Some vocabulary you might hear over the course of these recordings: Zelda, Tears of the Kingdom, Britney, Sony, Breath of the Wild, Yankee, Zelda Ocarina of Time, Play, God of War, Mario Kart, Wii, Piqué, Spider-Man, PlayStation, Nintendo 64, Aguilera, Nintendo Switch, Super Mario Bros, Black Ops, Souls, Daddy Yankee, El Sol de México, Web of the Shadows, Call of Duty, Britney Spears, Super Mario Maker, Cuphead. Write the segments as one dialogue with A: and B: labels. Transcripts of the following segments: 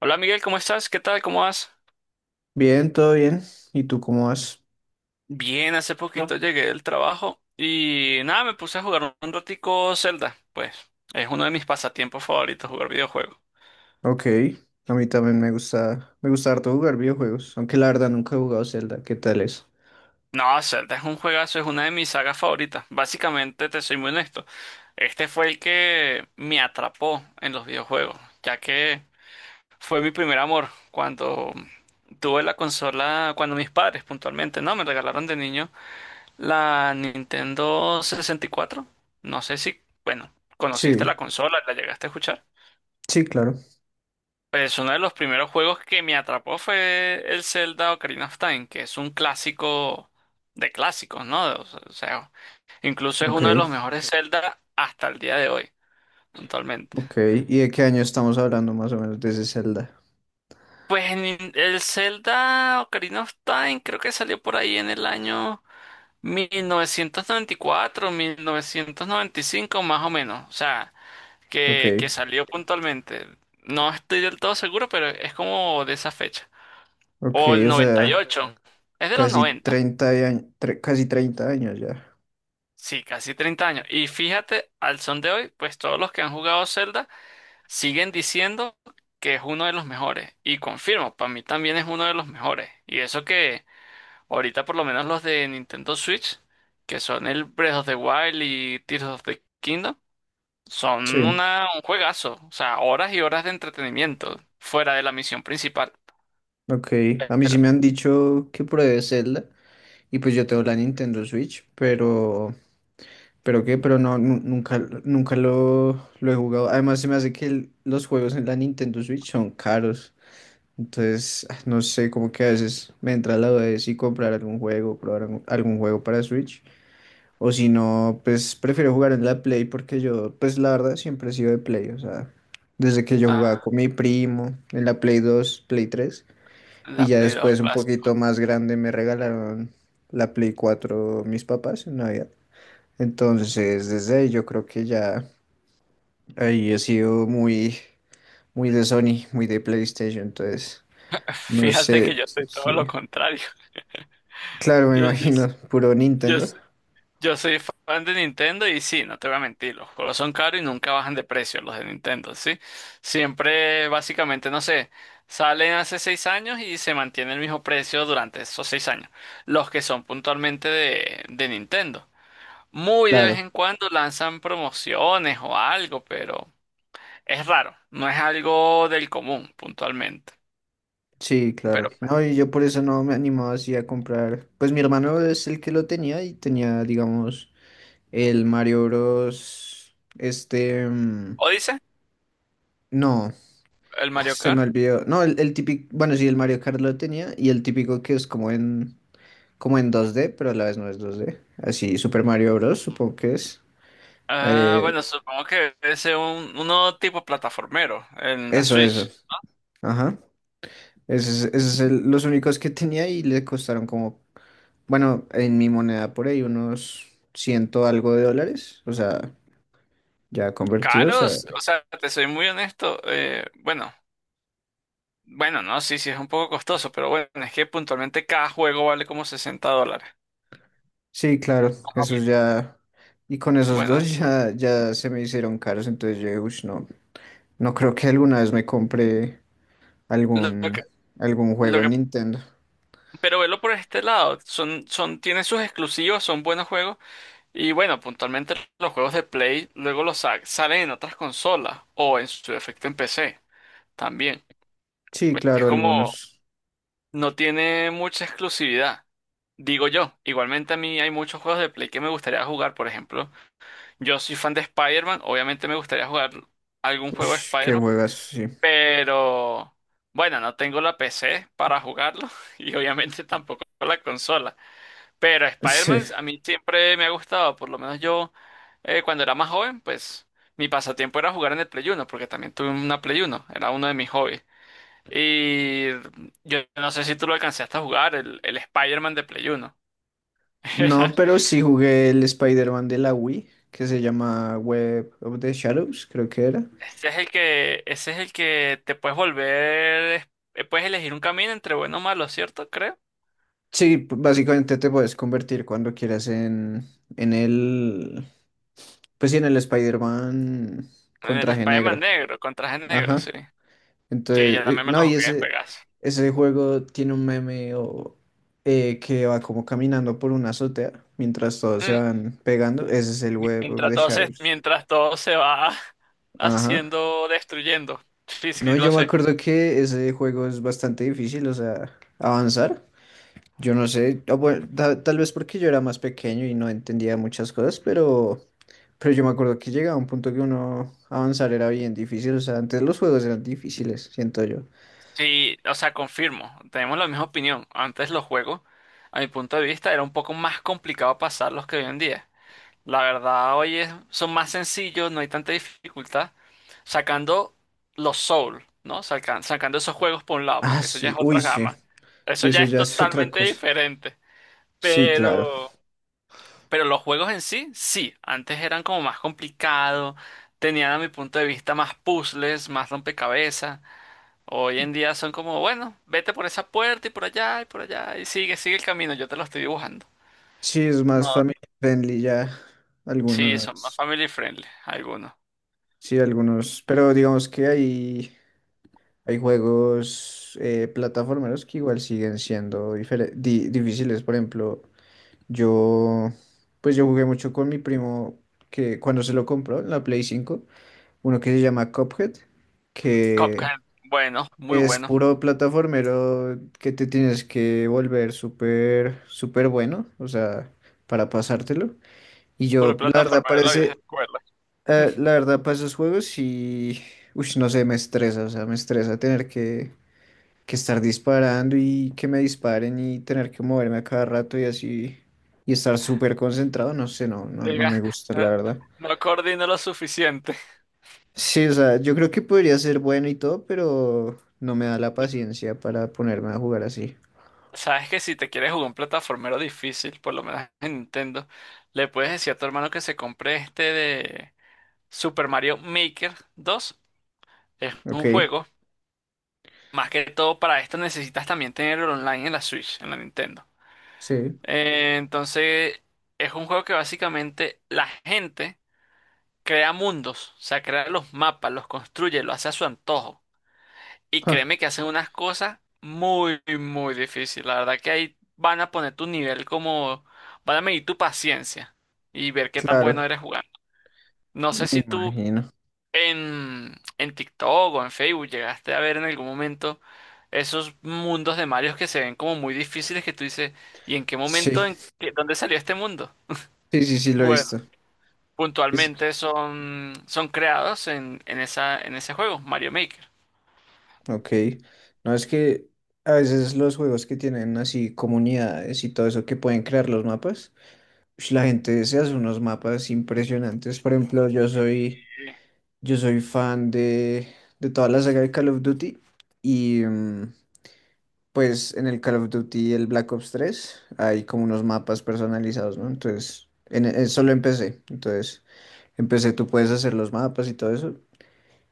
A: Hola Miguel, ¿cómo estás? ¿Qué tal? ¿Cómo vas?
B: Bien, todo bien. ¿Y tú cómo vas?
A: Bien, hace poquito. No, llegué del trabajo y nada, me puse a jugar un ratico Zelda. Pues es uno de mis pasatiempos favoritos jugar videojuegos.
B: Ok, a mí también me gusta harto jugar videojuegos, aunque la verdad nunca he jugado Zelda. ¿Qué tal es?
A: No, Zelda es un juegazo, es una de mis sagas favoritas. Básicamente, te soy muy honesto, este fue el que me atrapó en los videojuegos, ya que fue mi primer amor cuando tuve la consola, cuando mis padres puntualmente, ¿no? Me regalaron de niño. La Nintendo 64. No sé si, bueno, conociste la
B: Sí,
A: consola, la llegaste a escuchar.
B: sí, claro.
A: Pues uno de los primeros juegos que me atrapó fue el Zelda Ocarina of Time, que es un clásico de clásicos, ¿no? O sea, incluso es
B: Ok,
A: uno de los mejores Zelda hasta el día de hoy, actualmente.
B: ok. ¿Y de qué año estamos hablando más o menos de ese Zelda?
A: Pues el Zelda Ocarina of Time creo que salió por ahí en el año 1994, 1995 más o menos. O sea,
B: Ok,
A: que salió puntualmente. No estoy del todo seguro, pero es como de esa fecha.
B: ok,
A: O el
B: o
A: noventa y
B: sea,
A: ocho Es de los
B: casi
A: noventa.
B: 30 años, casi 30 años ya.
A: Sí, casi 30 años. Y fíjate, al son de hoy, pues todos los que han jugado Zelda siguen diciendo que es uno de los mejores. Y confirmo, para mí también es uno de los mejores. Y eso que ahorita por lo menos los de Nintendo Switch, que son el Breath of the Wild y Tears of the Kingdom,
B: Sí,
A: son un juegazo, o sea, horas y horas de entretenimiento fuera de la misión principal.
B: ok. A mí
A: Pero,
B: sí me han dicho que pruebe Zelda y pues yo tengo la Nintendo Switch, pero... Pero qué, pero no, nunca, nunca lo he jugado. Además, se me hace que los juegos en la Nintendo Switch son caros. Entonces, no sé, como que a veces me entra la duda de si comprar algún juego, probar algún juego para Switch. O si no, pues prefiero jugar en la Play porque yo, pues la verdad, siempre he sido de Play. O sea, desde que yo jugaba
A: ah,
B: con mi primo en la Play 2 Play 3. Y
A: la
B: ya
A: Play 2
B: después, un poquito
A: clásica.
B: más grande, me regalaron la Play 4 mis papás en Navidad. Entonces, desde ahí yo creo que ya ahí he sido muy, muy de Sony, muy de PlayStation. Entonces, no
A: Fíjate que
B: sé,
A: yo soy
B: sí.
A: todo lo contrario.
B: Claro, me
A: Yo, yo,
B: imagino, puro
A: yo,
B: Nintendo.
A: yo soy fan de Nintendo y sí, no te voy a mentir, los juegos son caros y nunca bajan de precio los de Nintendo, ¿sí? Siempre, básicamente, no sé, salen hace 6 años y se mantiene el mismo precio durante esos 6 años, los que son puntualmente de Nintendo. Muy de
B: Claro,
A: vez en cuando lanzan promociones o algo, pero es raro, no es algo del común puntualmente.
B: sí,
A: Pero,
B: claro. No, y yo por eso no me animaba así a comprar. Pues mi hermano es el que lo tenía y tenía, digamos, el Mario Bros. Este,
A: ¿o dice
B: no,
A: el Mario
B: se me
A: Kart?
B: olvidó. No, el típico, bueno, sí, el Mario Kart lo tenía y el típico que es como en 2D, pero a la vez no es 2D. Así, Super Mario Bros. Supongo que es.
A: Ah,
B: Eh,
A: bueno, supongo que es uno tipo plataformero en la
B: eso, eso.
A: Switch.
B: Ajá. Esos, esos son los únicos que tenía y le costaron como, bueno, en mi moneda por ahí unos ciento algo de dólares. O sea, ya convertidos a...
A: Caros, o sea, te soy muy honesto, bueno, bueno, no, sí, sí, es un poco costoso, pero bueno, es que puntualmente cada juego vale como $60.
B: Sí, claro,
A: Más o
B: esos
A: menos.
B: ya... Y con esos dos
A: Buenas.
B: ya se me hicieron caros, entonces yo dije: "Ush, no, no creo que alguna vez me compre
A: Lo que,
B: algún, algún juego
A: lo
B: en
A: que,
B: Nintendo".
A: pero velo por este lado, tienen sus exclusivos, son buenos juegos. Y bueno, puntualmente los juegos de Play luego los salen en otras consolas o en su defecto en PC también.
B: Sí,
A: Es
B: claro,
A: como
B: algunos.
A: no tiene mucha exclusividad, digo yo. Igualmente a mí hay muchos juegos de Play que me gustaría jugar, por ejemplo. Yo soy fan de Spider-Man, obviamente me gustaría jugar algún
B: Uy,
A: juego de
B: qué
A: Spider-Man,
B: juegas, sí.
A: pero bueno, no tengo la PC para jugarlo y obviamente tampoco la consola. Pero
B: Sí.
A: Spider-Man a mí siempre me ha gustado, por lo menos yo cuando era más joven, pues mi pasatiempo era jugar en el Play uno, porque también tuve una Play uno, era uno de mis hobbies. Y yo no sé si tú lo alcanzaste a jugar, el Spider-Man de Play uno. Era-
B: No, pero sí jugué el Spider-Man de la Wii, que se llama Web of the Shadows, creo que era.
A: ese es el que te puedes volver, puedes elegir un camino entre bueno o malo, ¿cierto? Creo.
B: Sí, básicamente te puedes convertir cuando quieras en, en el, pues sí, en el Spider-Man con
A: El
B: traje
A: Spider-Man
B: negro.
A: negro, con traje negro,
B: Ajá.
A: sí. Sí,
B: Entonces,
A: yo también me lo
B: no, y
A: jugué, juegas.
B: ese juego tiene un meme o, que va como caminando por una azotea mientras todos se van pegando. Ese es el Web of
A: Mientras
B: the
A: todo se,
B: Shadows.
A: mientras todo se va
B: Ajá.
A: haciendo, destruyendo. Sí, sí,
B: No,
A: lo
B: yo me
A: sé.
B: acuerdo que ese juego es bastante difícil, o sea, avanzar. Yo no sé, bueno, tal vez porque yo era más pequeño y no entendía muchas cosas, pero yo me acuerdo que llegaba un punto que uno avanzar era bien difícil, o sea, antes los juegos eran difíciles, siento yo.
A: Sí, o sea, confirmo. Tenemos la misma opinión. Antes los juegos, a mi punto de vista, era un poco más complicado pasarlos que hoy en día. La verdad, hoy son más sencillos, no hay tanta dificultad. Sacando los Souls, ¿no? Sacando esos juegos por un lado,
B: Ah,
A: porque eso ya
B: sí,
A: es
B: uy,
A: otra
B: sí,
A: gama. Eso
B: sí,
A: ya
B: eso
A: es
B: ya es otra
A: totalmente
B: cosa.
A: diferente.
B: Sí, claro.
A: Pero... Pero los juegos en sí, sí, antes eran como más complicados, tenían a mi punto de vista más puzzles, más rompecabezas. Hoy en día son como, bueno, vete por esa puerta y por allá y por allá y sigue el camino, yo te lo estoy dibujando.
B: Sí, es más
A: No,
B: family friendly ya
A: sí, son más
B: algunas,
A: family friendly algunos.
B: sí, algunos, pero digamos que ahí hay juegos plataformeros que igual siguen siendo difíciles. Por ejemplo, yo, pues yo jugué mucho con mi primo que cuando se lo compró la Play 5, uno que se llama Cuphead, que
A: Cuphead, bueno, muy
B: es
A: bueno.
B: puro plataformero que te tienes que volver súper, súper bueno, o sea, para pasártelo. Y
A: Puro
B: yo, la verdad,
A: plataformero de la vieja
B: parece,
A: escuela.
B: la verdad, para esos juegos y, uy, no sé, me estresa, o sea, me estresa tener que estar disparando y que me disparen y tener que moverme a cada rato y así y estar súper concentrado, no sé, no, no, no
A: Diga,
B: me gusta, la
A: eh,
B: verdad.
A: no coordino lo suficiente.
B: Sí, o sea, yo creo que podría ser bueno y todo, pero no me da la paciencia para ponerme a jugar así.
A: Sabes que si te quieres jugar un plataformero difícil, por lo menos en Nintendo, le puedes decir a tu hermano que se compre este de Super Mario Maker 2. Es
B: Ok,
A: un juego. Más que todo para esto necesitas también tenerlo online en la Switch, en la Nintendo.
B: sí.
A: Entonces, es un juego que básicamente la gente crea mundos, o sea, crea los mapas, los construye, lo hace a su antojo. Y
B: Ja,
A: créeme que hacen unas cosas muy, muy difíciles. La verdad que ahí van a poner tu nivel como, van a medir tu paciencia y ver qué tan
B: claro,
A: bueno eres jugando. No sé
B: me
A: si tú
B: imagino.
A: en TikTok o en Facebook llegaste a ver en algún momento esos mundos de Mario que se ven como muy difíciles que tú dices, ¿y en qué
B: Sí,
A: momento, dónde salió este mundo?
B: sí, sí, sí, lo he
A: Bueno,
B: visto. Es,
A: puntualmente son creados en ese juego, Mario Maker.
B: ok. No, es que a veces los juegos que tienen así comunidades y todo eso que pueden crear los mapas. Ush, la gente se hace unos mapas impresionantes. Por ejemplo, yo soy fan de toda la saga de Call of Duty. Y pues en el Call of Duty, el Black Ops 3 hay como unos mapas personalizados, ¿no? Entonces, solo empecé. Entonces, empecé, tú puedes hacer los mapas y todo eso.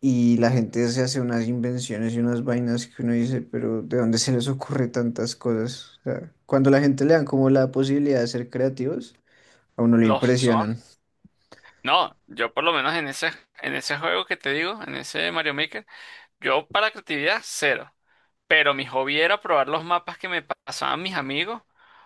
B: Y la gente se hace unas invenciones y unas vainas que uno dice, pero ¿de dónde se les ocurre tantas cosas? O sea, cuando la gente le dan como la posibilidad de ser creativos, a uno le
A: Los
B: impresionan.
A: No, yo por lo menos en ese juego que te digo, en ese Mario Maker, yo para creatividad cero. Pero mi hobby era probar los mapas que me pasaban mis amigos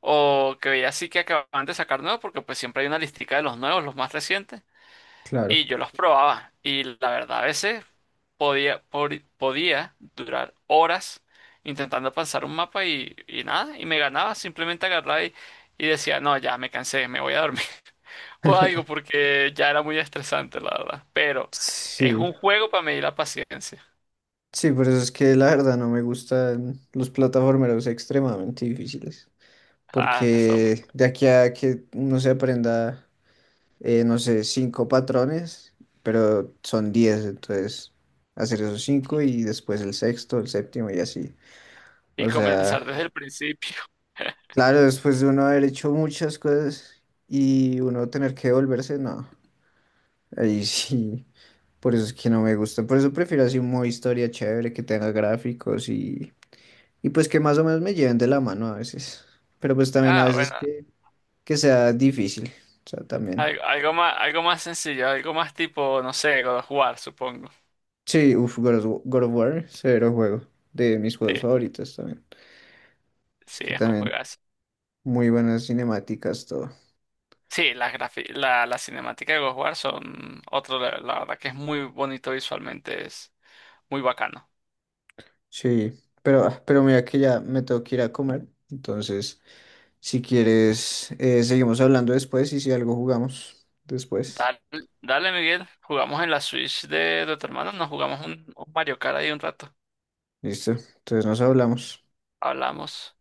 A: o que veía así que acababan de sacar nuevos, porque pues siempre hay una listica de los nuevos, los más recientes. Y
B: Claro.
A: yo los probaba. Y la verdad, a veces podía durar horas intentando pasar un mapa y nada, y me ganaba, simplemente agarraba y decía, no, ya me cansé, me voy a dormir o algo porque ya era muy estresante, la verdad. Pero es
B: Sí,
A: un juego para medir la paciencia.
B: sí, por eso es que la verdad no me gustan los plataformeros extremadamente difíciles,
A: Ah, Samuel.
B: porque de aquí a que uno se aprenda, no sé, cinco patrones, pero son 10, entonces hacer esos cinco y después el sexto, el séptimo y así.
A: Y
B: O sea,
A: comenzar desde el principio.
B: claro, después de uno haber hecho muchas cosas y uno tener que devolverse, no, ahí sí. Por eso es que no me gusta. Por eso prefiero así un modo historia chévere que tenga gráficos y pues que más o menos me lleven de la mano a veces. Pero pues también a
A: Ah,
B: veces
A: bueno,
B: que sea difícil. O sea, también.
A: algo más sencillo, algo más tipo, no sé, God of War, supongo.
B: Sí, uff, God of, God of War, severo juego. De mis
A: Sí,
B: juegos favoritos también. Es
A: sí,
B: que
A: es un
B: también
A: juegazo.
B: muy buenas cinemáticas, todo.
A: Sí, la cinemática de God of War son otro, level, la verdad que es muy bonito visualmente, es muy bacano.
B: Sí, pero, pero mira que ya me tengo que ir a comer. Entonces, si quieres, seguimos hablando después y si algo jugamos después.
A: Dale, dale, Miguel, jugamos en la Switch de tu hermano, nos jugamos un Mario Kart ahí un rato.
B: Listo. Entonces nos hablamos.
A: Hablamos.